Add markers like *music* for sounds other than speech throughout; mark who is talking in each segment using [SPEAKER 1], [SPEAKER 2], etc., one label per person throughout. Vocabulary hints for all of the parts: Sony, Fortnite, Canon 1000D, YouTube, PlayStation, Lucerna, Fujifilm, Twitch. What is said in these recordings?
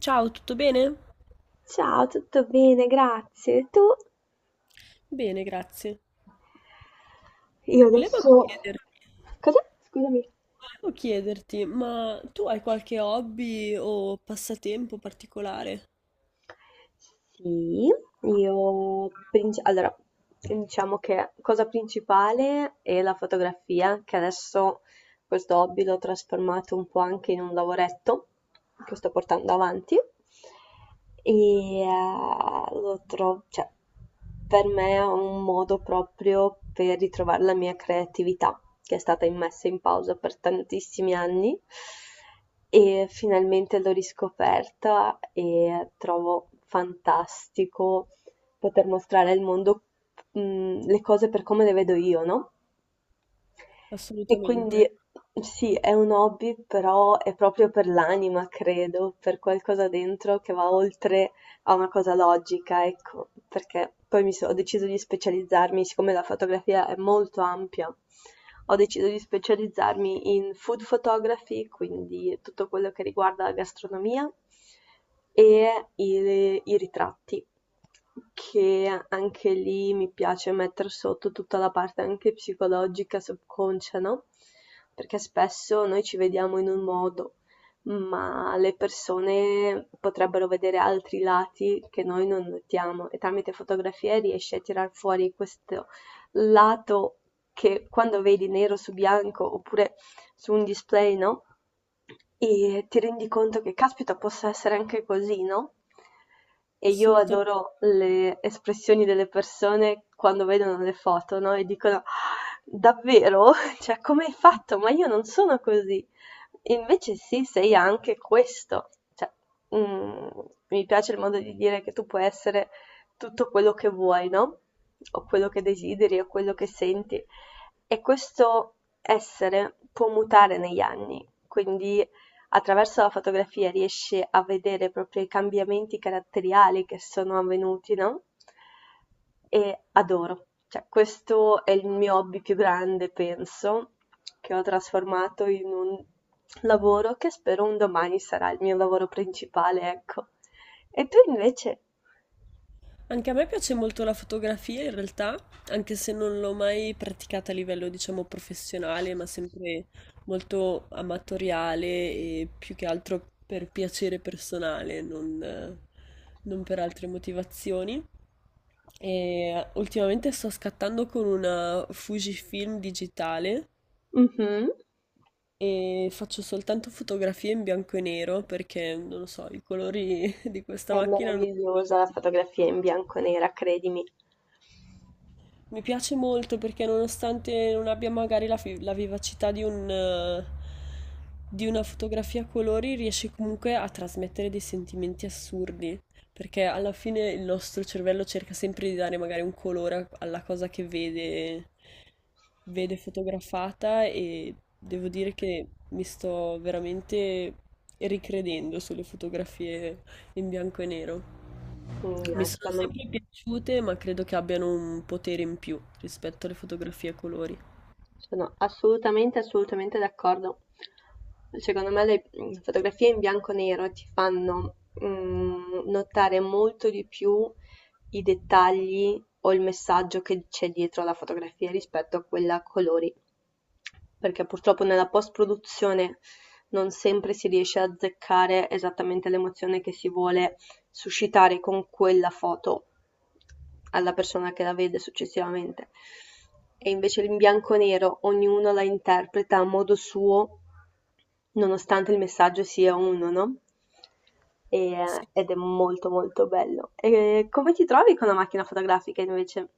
[SPEAKER 1] Ciao, tutto bene?
[SPEAKER 2] Ciao, tutto bene, grazie. E tu?
[SPEAKER 1] Bene, grazie.
[SPEAKER 2] Io
[SPEAKER 1] Volevo
[SPEAKER 2] adesso.
[SPEAKER 1] chiederti,
[SPEAKER 2] Cosa? Scusami.
[SPEAKER 1] ma tu hai qualche hobby o passatempo particolare?
[SPEAKER 2] Sì, Allora, diciamo che cosa principale è la fotografia, che adesso. Questo hobby l'ho trasformato un po' anche in un lavoretto che sto portando avanti e eh, lo trovo, cioè, per me è un modo proprio per ritrovare la mia creatività, che è stata messa in pausa per tantissimi anni e finalmente l'ho riscoperta e trovo fantastico poter mostrare al mondo, le cose per come le vedo io, no? E quindi
[SPEAKER 1] Assolutamente,
[SPEAKER 2] sì, è un hobby, però è proprio per l'anima, credo, per qualcosa dentro che va oltre a una cosa logica, ecco, perché poi ho deciso di specializzarmi, siccome la fotografia è molto ampia, ho deciso di specializzarmi in food photography, quindi tutto quello che riguarda la gastronomia e i ritratti, che anche lì mi piace mettere sotto tutta la parte anche psicologica, subconscia, no? Perché spesso noi ci vediamo in un modo ma le persone potrebbero vedere altri lati che noi non notiamo e tramite fotografie riesci a tirar fuori questo lato che quando vedi nero su bianco oppure su un display, no? E ti rendi conto che caspita possa essere anche così, no? E io
[SPEAKER 1] assolutamente.
[SPEAKER 2] adoro le espressioni delle persone quando vedono le foto, no? E dicono, "Ah, davvero? *laughs* Cioè, come hai fatto? Ma io non sono così. Invece sì, sei anche questo. Cioè, mhmm, mi piace il modo di dire che tu puoi essere tutto quello che vuoi, no, o quello che desideri o quello che senti e questo essere può mutare negli anni, quindi attraverso la fotografia riesce a vedere proprio i cambiamenti caratteriali che sono avvenuti, no? E adoro. Cioè, questo è il mio hobby più grande, penso, che ho trasformato in un lavoro che spero un domani sarà il mio lavoro principale, ecco. E tu invece?
[SPEAKER 1] Anche a me piace molto la fotografia in realtà, anche se non l'ho mai praticata a livello, diciamo, professionale, ma sempre molto amatoriale e più che altro per piacere personale, non, non per altre motivazioni. E ultimamente sto scattando con una Fujifilm digitale
[SPEAKER 2] Mhm.
[SPEAKER 1] e faccio soltanto fotografie in bianco e nero perché non lo so, i colori *laughs* di questa
[SPEAKER 2] È
[SPEAKER 1] macchina non...
[SPEAKER 2] meravigliosa la fotografia in bianco e nera, credimi.
[SPEAKER 1] Mi piace molto perché nonostante non abbia magari la vivacità di un, di una fotografia a colori, riesce comunque a trasmettere dei sentimenti assurdi, perché alla fine il nostro cervello cerca sempre di dare magari un colore alla cosa che vede, vede fotografata e devo dire che mi sto veramente ricredendo sulle fotografie in bianco e nero.
[SPEAKER 2] Mm,
[SPEAKER 1] Mi
[SPEAKER 2] no,
[SPEAKER 1] sono
[SPEAKER 2] secondo.
[SPEAKER 1] sempre piaciute, ma credo che abbiano un potere in più rispetto alle fotografie a colori.
[SPEAKER 2] Sono assolutamente, assolutamente d'accordo. Secondo me le fotografie in bianco e nero ti fanno notare molto di più i dettagli o il messaggio che c'è dietro alla fotografia rispetto a quella a colori, perché purtroppo nella post-produzione non sempre si riesce a azzeccare esattamente l'emozione che si vuole suscitare con quella foto alla persona che la vede successivamente. E invece in bianco e nero ognuno la interpreta a modo suo, nonostante il messaggio sia uno, no?
[SPEAKER 1] Sì.
[SPEAKER 2] Ed è molto molto bello. E come ti trovi con la macchina fotografica invece?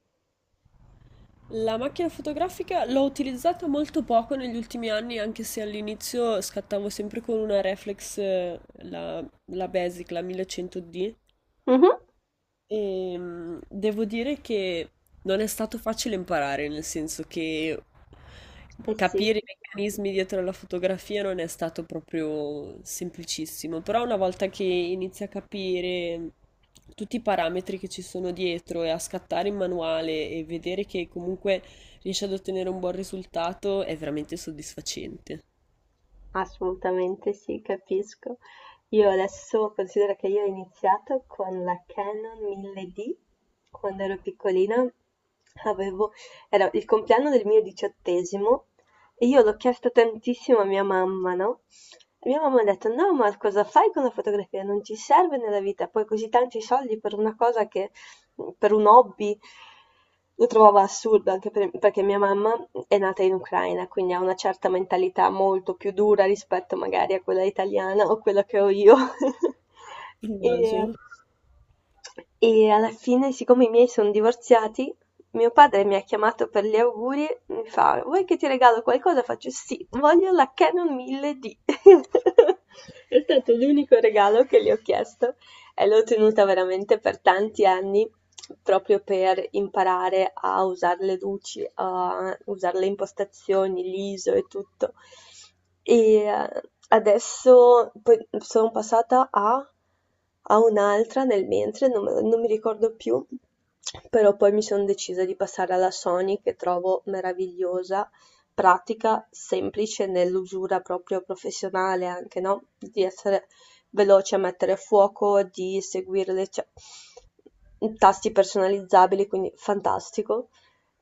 [SPEAKER 1] La macchina fotografica l'ho utilizzata molto poco negli ultimi anni, anche se all'inizio scattavo sempre con una reflex, la, la Basic, la 1100D.
[SPEAKER 2] Mhm.
[SPEAKER 1] Devo dire che non è stato facile imparare, nel senso che
[SPEAKER 2] Eh sì.
[SPEAKER 1] capire i meccanismi dietro alla fotografia non è stato proprio semplicissimo, però una volta che inizi a capire tutti i parametri che ci sono dietro e a scattare in manuale e vedere che comunque riesci ad ottenere un buon risultato è veramente soddisfacente.
[SPEAKER 2] Assolutamente sì, capisco. Io adesso considero che io ho iniziato con la Canon 1000D quando ero piccolina. Avevo, era il compleanno del mio 18° e io l'ho chiesto tantissimo a mia mamma, no? E mia mamma ha detto: no, ma cosa fai con la fotografia? Non ci serve nella vita, poi così tanti soldi per una cosa che per un hobby lo trovavo assurdo, anche perché mia mamma è nata in Ucraina, quindi ha una certa mentalità molto più dura rispetto magari a quella italiana o quella che ho io. *laughs* E,
[SPEAKER 1] Immagino.
[SPEAKER 2] e alla fine, siccome i miei sono divorziati, mio padre mi ha chiamato per gli auguri, mi fa, vuoi che ti regalo qualcosa? Faccio sì, voglio la Canon 1000D. *laughs* È stato l'unico regalo che gli ho chiesto e l'ho tenuta veramente per tanti anni proprio per imparare a usare le luci, a usare le impostazioni, l'ISO e tutto. E eh, Adesso poi sono passata a un'altra nel mentre, non, non mi ricordo più, però poi mi sono decisa di passare alla Sony che trovo meravigliosa, pratica, semplice nell'usura proprio professionale anche, no? Di essere veloce a mettere a fuoco, di seguire le cioè, tasti personalizzabili, quindi fantastico.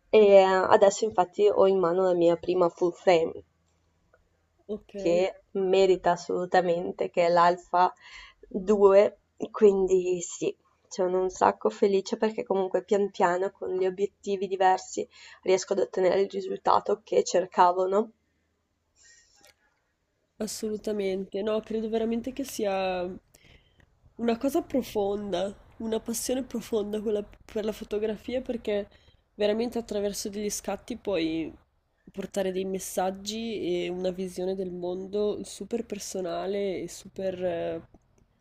[SPEAKER 2] Adesso infatti ho in mano la mia prima full frame
[SPEAKER 1] Ok.
[SPEAKER 2] che merita assolutamente, che è l'Alpha 2, quindi sì, sono un sacco felice perché comunque pian piano con gli obiettivi diversi riesco ad ottenere il risultato che cercavo, no?
[SPEAKER 1] Assolutamente, no, credo veramente che sia una cosa profonda, una passione profonda quella per la fotografia perché veramente attraverso degli scatti puoi portare dei messaggi e una visione del mondo super personale e super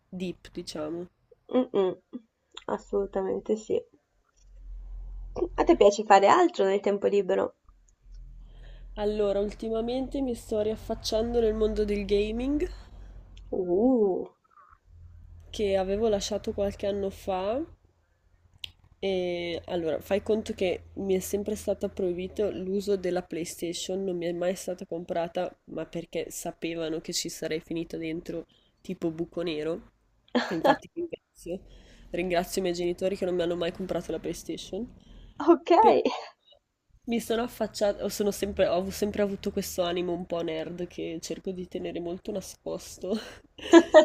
[SPEAKER 1] deep, diciamo.
[SPEAKER 2] Mm, mm, assolutamente sì. A te piace fare altro nel tempo libero?
[SPEAKER 1] Allora, ultimamente mi sto riaffacciando nel mondo del gaming
[SPEAKER 2] Uh,
[SPEAKER 1] che avevo lasciato qualche anno fa. E allora, fai conto che mi è sempre stato proibito l'uso della PlayStation, non mi è mai stata comprata, ma perché sapevano che ci sarei finita dentro tipo buco nero. E infatti ringrazio i miei genitori che non mi hanno mai comprato la PlayStation.
[SPEAKER 2] ok.
[SPEAKER 1] Però mi sono affacciata, ho sempre avuto questo animo un po' nerd che cerco di tenere molto nascosto. *laughs*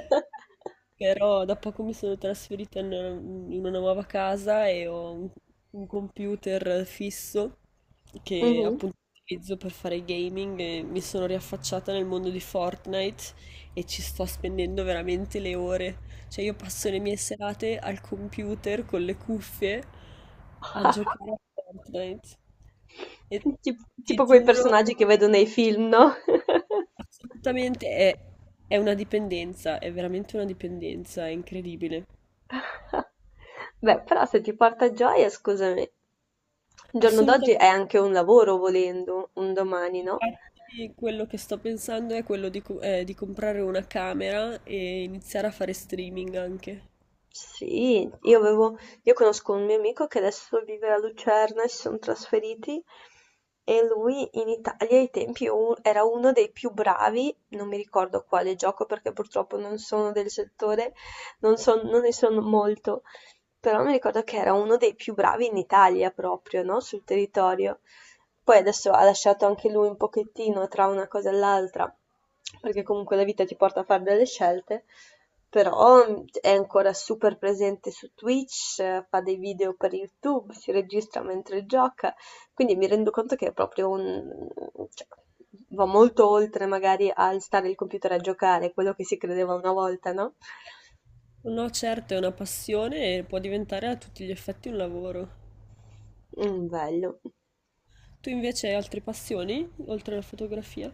[SPEAKER 1] Però da poco mi sono trasferita in una nuova casa e ho un computer fisso che
[SPEAKER 2] Mhm.
[SPEAKER 1] appunto utilizzo per fare gaming e mi sono riaffacciata nel mondo di Fortnite e ci sto spendendo veramente le ore. Cioè io passo le mie serate al computer con le cuffie a giocare a Fortnite. E ti
[SPEAKER 2] Tipo quei
[SPEAKER 1] giuro,
[SPEAKER 2] personaggi che vedo nei film, no?
[SPEAKER 1] assolutamente è, è una dipendenza, è veramente una dipendenza, è incredibile.
[SPEAKER 2] *laughs* Beh, però se ti porta gioia, scusami, il giorno d'oggi
[SPEAKER 1] Assolutamente
[SPEAKER 2] è anche un lavoro volendo, un domani,
[SPEAKER 1] sì,
[SPEAKER 2] no?
[SPEAKER 1] infatti quello che sto pensando è quello di, di comprare una camera e iniziare a fare streaming anche.
[SPEAKER 2] Sì, io conosco un mio amico che adesso vive a Lucerna e si sono trasferiti e lui in Italia ai tempi era uno dei più bravi, non mi ricordo quale gioco perché purtroppo non sono del settore, non ne sono molto, però mi ricordo che era uno dei più bravi in Italia proprio, no, sul territorio. Poi adesso ha lasciato anche lui un pochettino tra una cosa e l'altra, perché comunque la vita ti porta a fare delle scelte, però è ancora super presente su Twitch, fa dei video per YouTube, si registra mentre gioca, quindi mi rendo conto che è proprio un, cioè, va molto oltre magari al stare il computer a giocare, quello che si credeva una volta, no?
[SPEAKER 1] No, certo, è una passione e può diventare a tutti gli effetti un lavoro.
[SPEAKER 2] Mm, bello.
[SPEAKER 1] Tu invece hai altre passioni, oltre alla fotografia?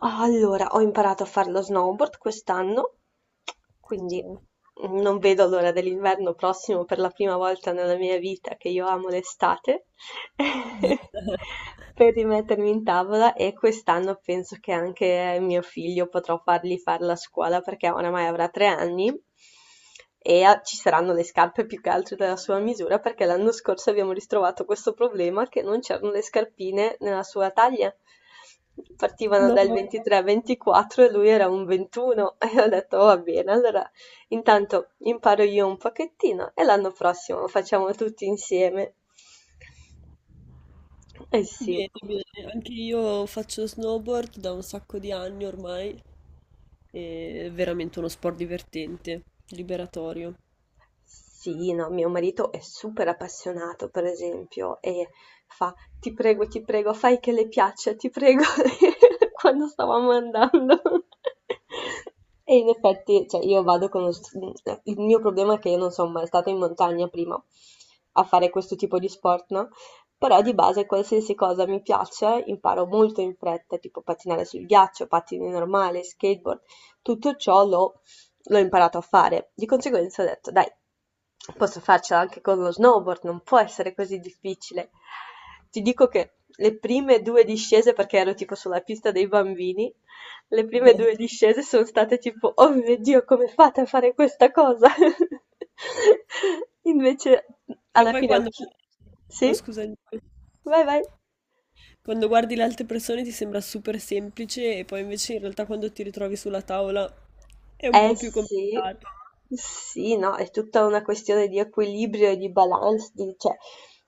[SPEAKER 2] Allora, ho imparato a fare lo snowboard quest'anno, quindi
[SPEAKER 1] Wow.
[SPEAKER 2] non vedo l'ora dell'inverno prossimo per la prima volta nella mia vita che io amo l'estate, *laughs* per rimettermi in tavola e quest'anno penso che anche mio figlio potrò fargli fare la scuola perché oramai avrà 3 anni e ci saranno le scarpe più che altro della sua misura perché l'anno scorso abbiamo ristrovato questo problema che non c'erano le scarpine nella sua taglia. Partivano
[SPEAKER 1] No,
[SPEAKER 2] dal 23-24 e lui era un 21. *laughs* E ho detto va bene, allora intanto imparo io un pochettino e l'anno prossimo lo facciamo tutti insieme. Eh sì.
[SPEAKER 1] bene, bene. Anche io faccio snowboard da un sacco di anni ormai. È veramente uno sport divertente, liberatorio.
[SPEAKER 2] Sì, no, mio marito è super appassionato, per esempio, e fa: ti prego, fai che le piaccia, ti prego", *laughs* quando stavamo andando. E in effetti, cioè, io vado con il mio problema è che io non son mai stata in montagna prima a fare questo tipo di sport, no, però di base qualsiasi cosa mi piace imparo molto in fretta, tipo pattinare sul ghiaccio, pattini normali, skateboard, tutto ciò l'ho imparato a fare. Di conseguenza ho detto: "Dai." Posso farcela anche con lo snowboard, non può essere così difficile. Ti dico che le prime 2 discese, perché ero tipo sulla pista dei bambini, le prime 2
[SPEAKER 1] *laughs*
[SPEAKER 2] discese son state tipo: "Oh mio Dio, come fate a fare questa cosa?" *laughs* Invece
[SPEAKER 1] Che
[SPEAKER 2] alla
[SPEAKER 1] poi
[SPEAKER 2] fine ho
[SPEAKER 1] quando...
[SPEAKER 2] chi sì?
[SPEAKER 1] Oh, scusami.
[SPEAKER 2] Vai vai.
[SPEAKER 1] Quando guardi le altre persone ti sembra super semplice e poi invece in realtà quando ti ritrovi sulla tavola è un
[SPEAKER 2] Eh
[SPEAKER 1] po' più
[SPEAKER 2] sì,
[SPEAKER 1] complicato.
[SPEAKER 2] sì, no, è tutta una questione di equilibrio e di balance, cioè,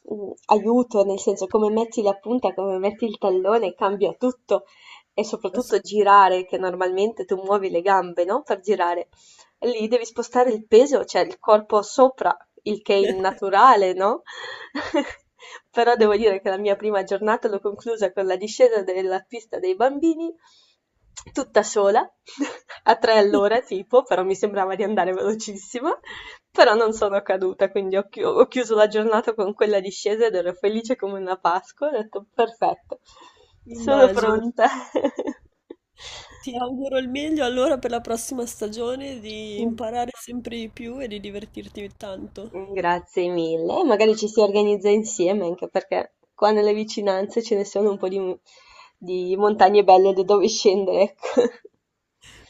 [SPEAKER 2] aiuto, nel senso come metti la punta, come metti il tallone, cambia tutto e
[SPEAKER 1] *laughs* Ass-
[SPEAKER 2] soprattutto girare, che normalmente tu muovi le gambe, no? Per girare. Lì devi spostare il peso, cioè il corpo sopra, il che è innaturale, no? *laughs* Però devo dire che la mia prima giornata l'ho conclusa con la discesa della pista dei bambini, tutta sola, *laughs* a 3 all'ora tipo, però mi sembrava di andare velocissima, però non sono caduta, quindi ho chiuso la giornata con quella discesa ed ero felice come una Pasqua, ho detto perfetto, sono
[SPEAKER 1] Immagino.
[SPEAKER 2] pronta.
[SPEAKER 1] Ti auguro il meglio allora per la prossima stagione di
[SPEAKER 2] *laughs*
[SPEAKER 1] imparare sempre di più e di divertirti tanto.
[SPEAKER 2] Mm, grazie mille, magari ci si organizza insieme anche perché qua nelle vicinanze ce ne sono un po' di montagne belle da dove scendere, ecco.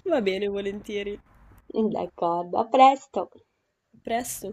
[SPEAKER 1] Va bene, volentieri.
[SPEAKER 2] *laughs* D'accordo, a presto.
[SPEAKER 1] A presto.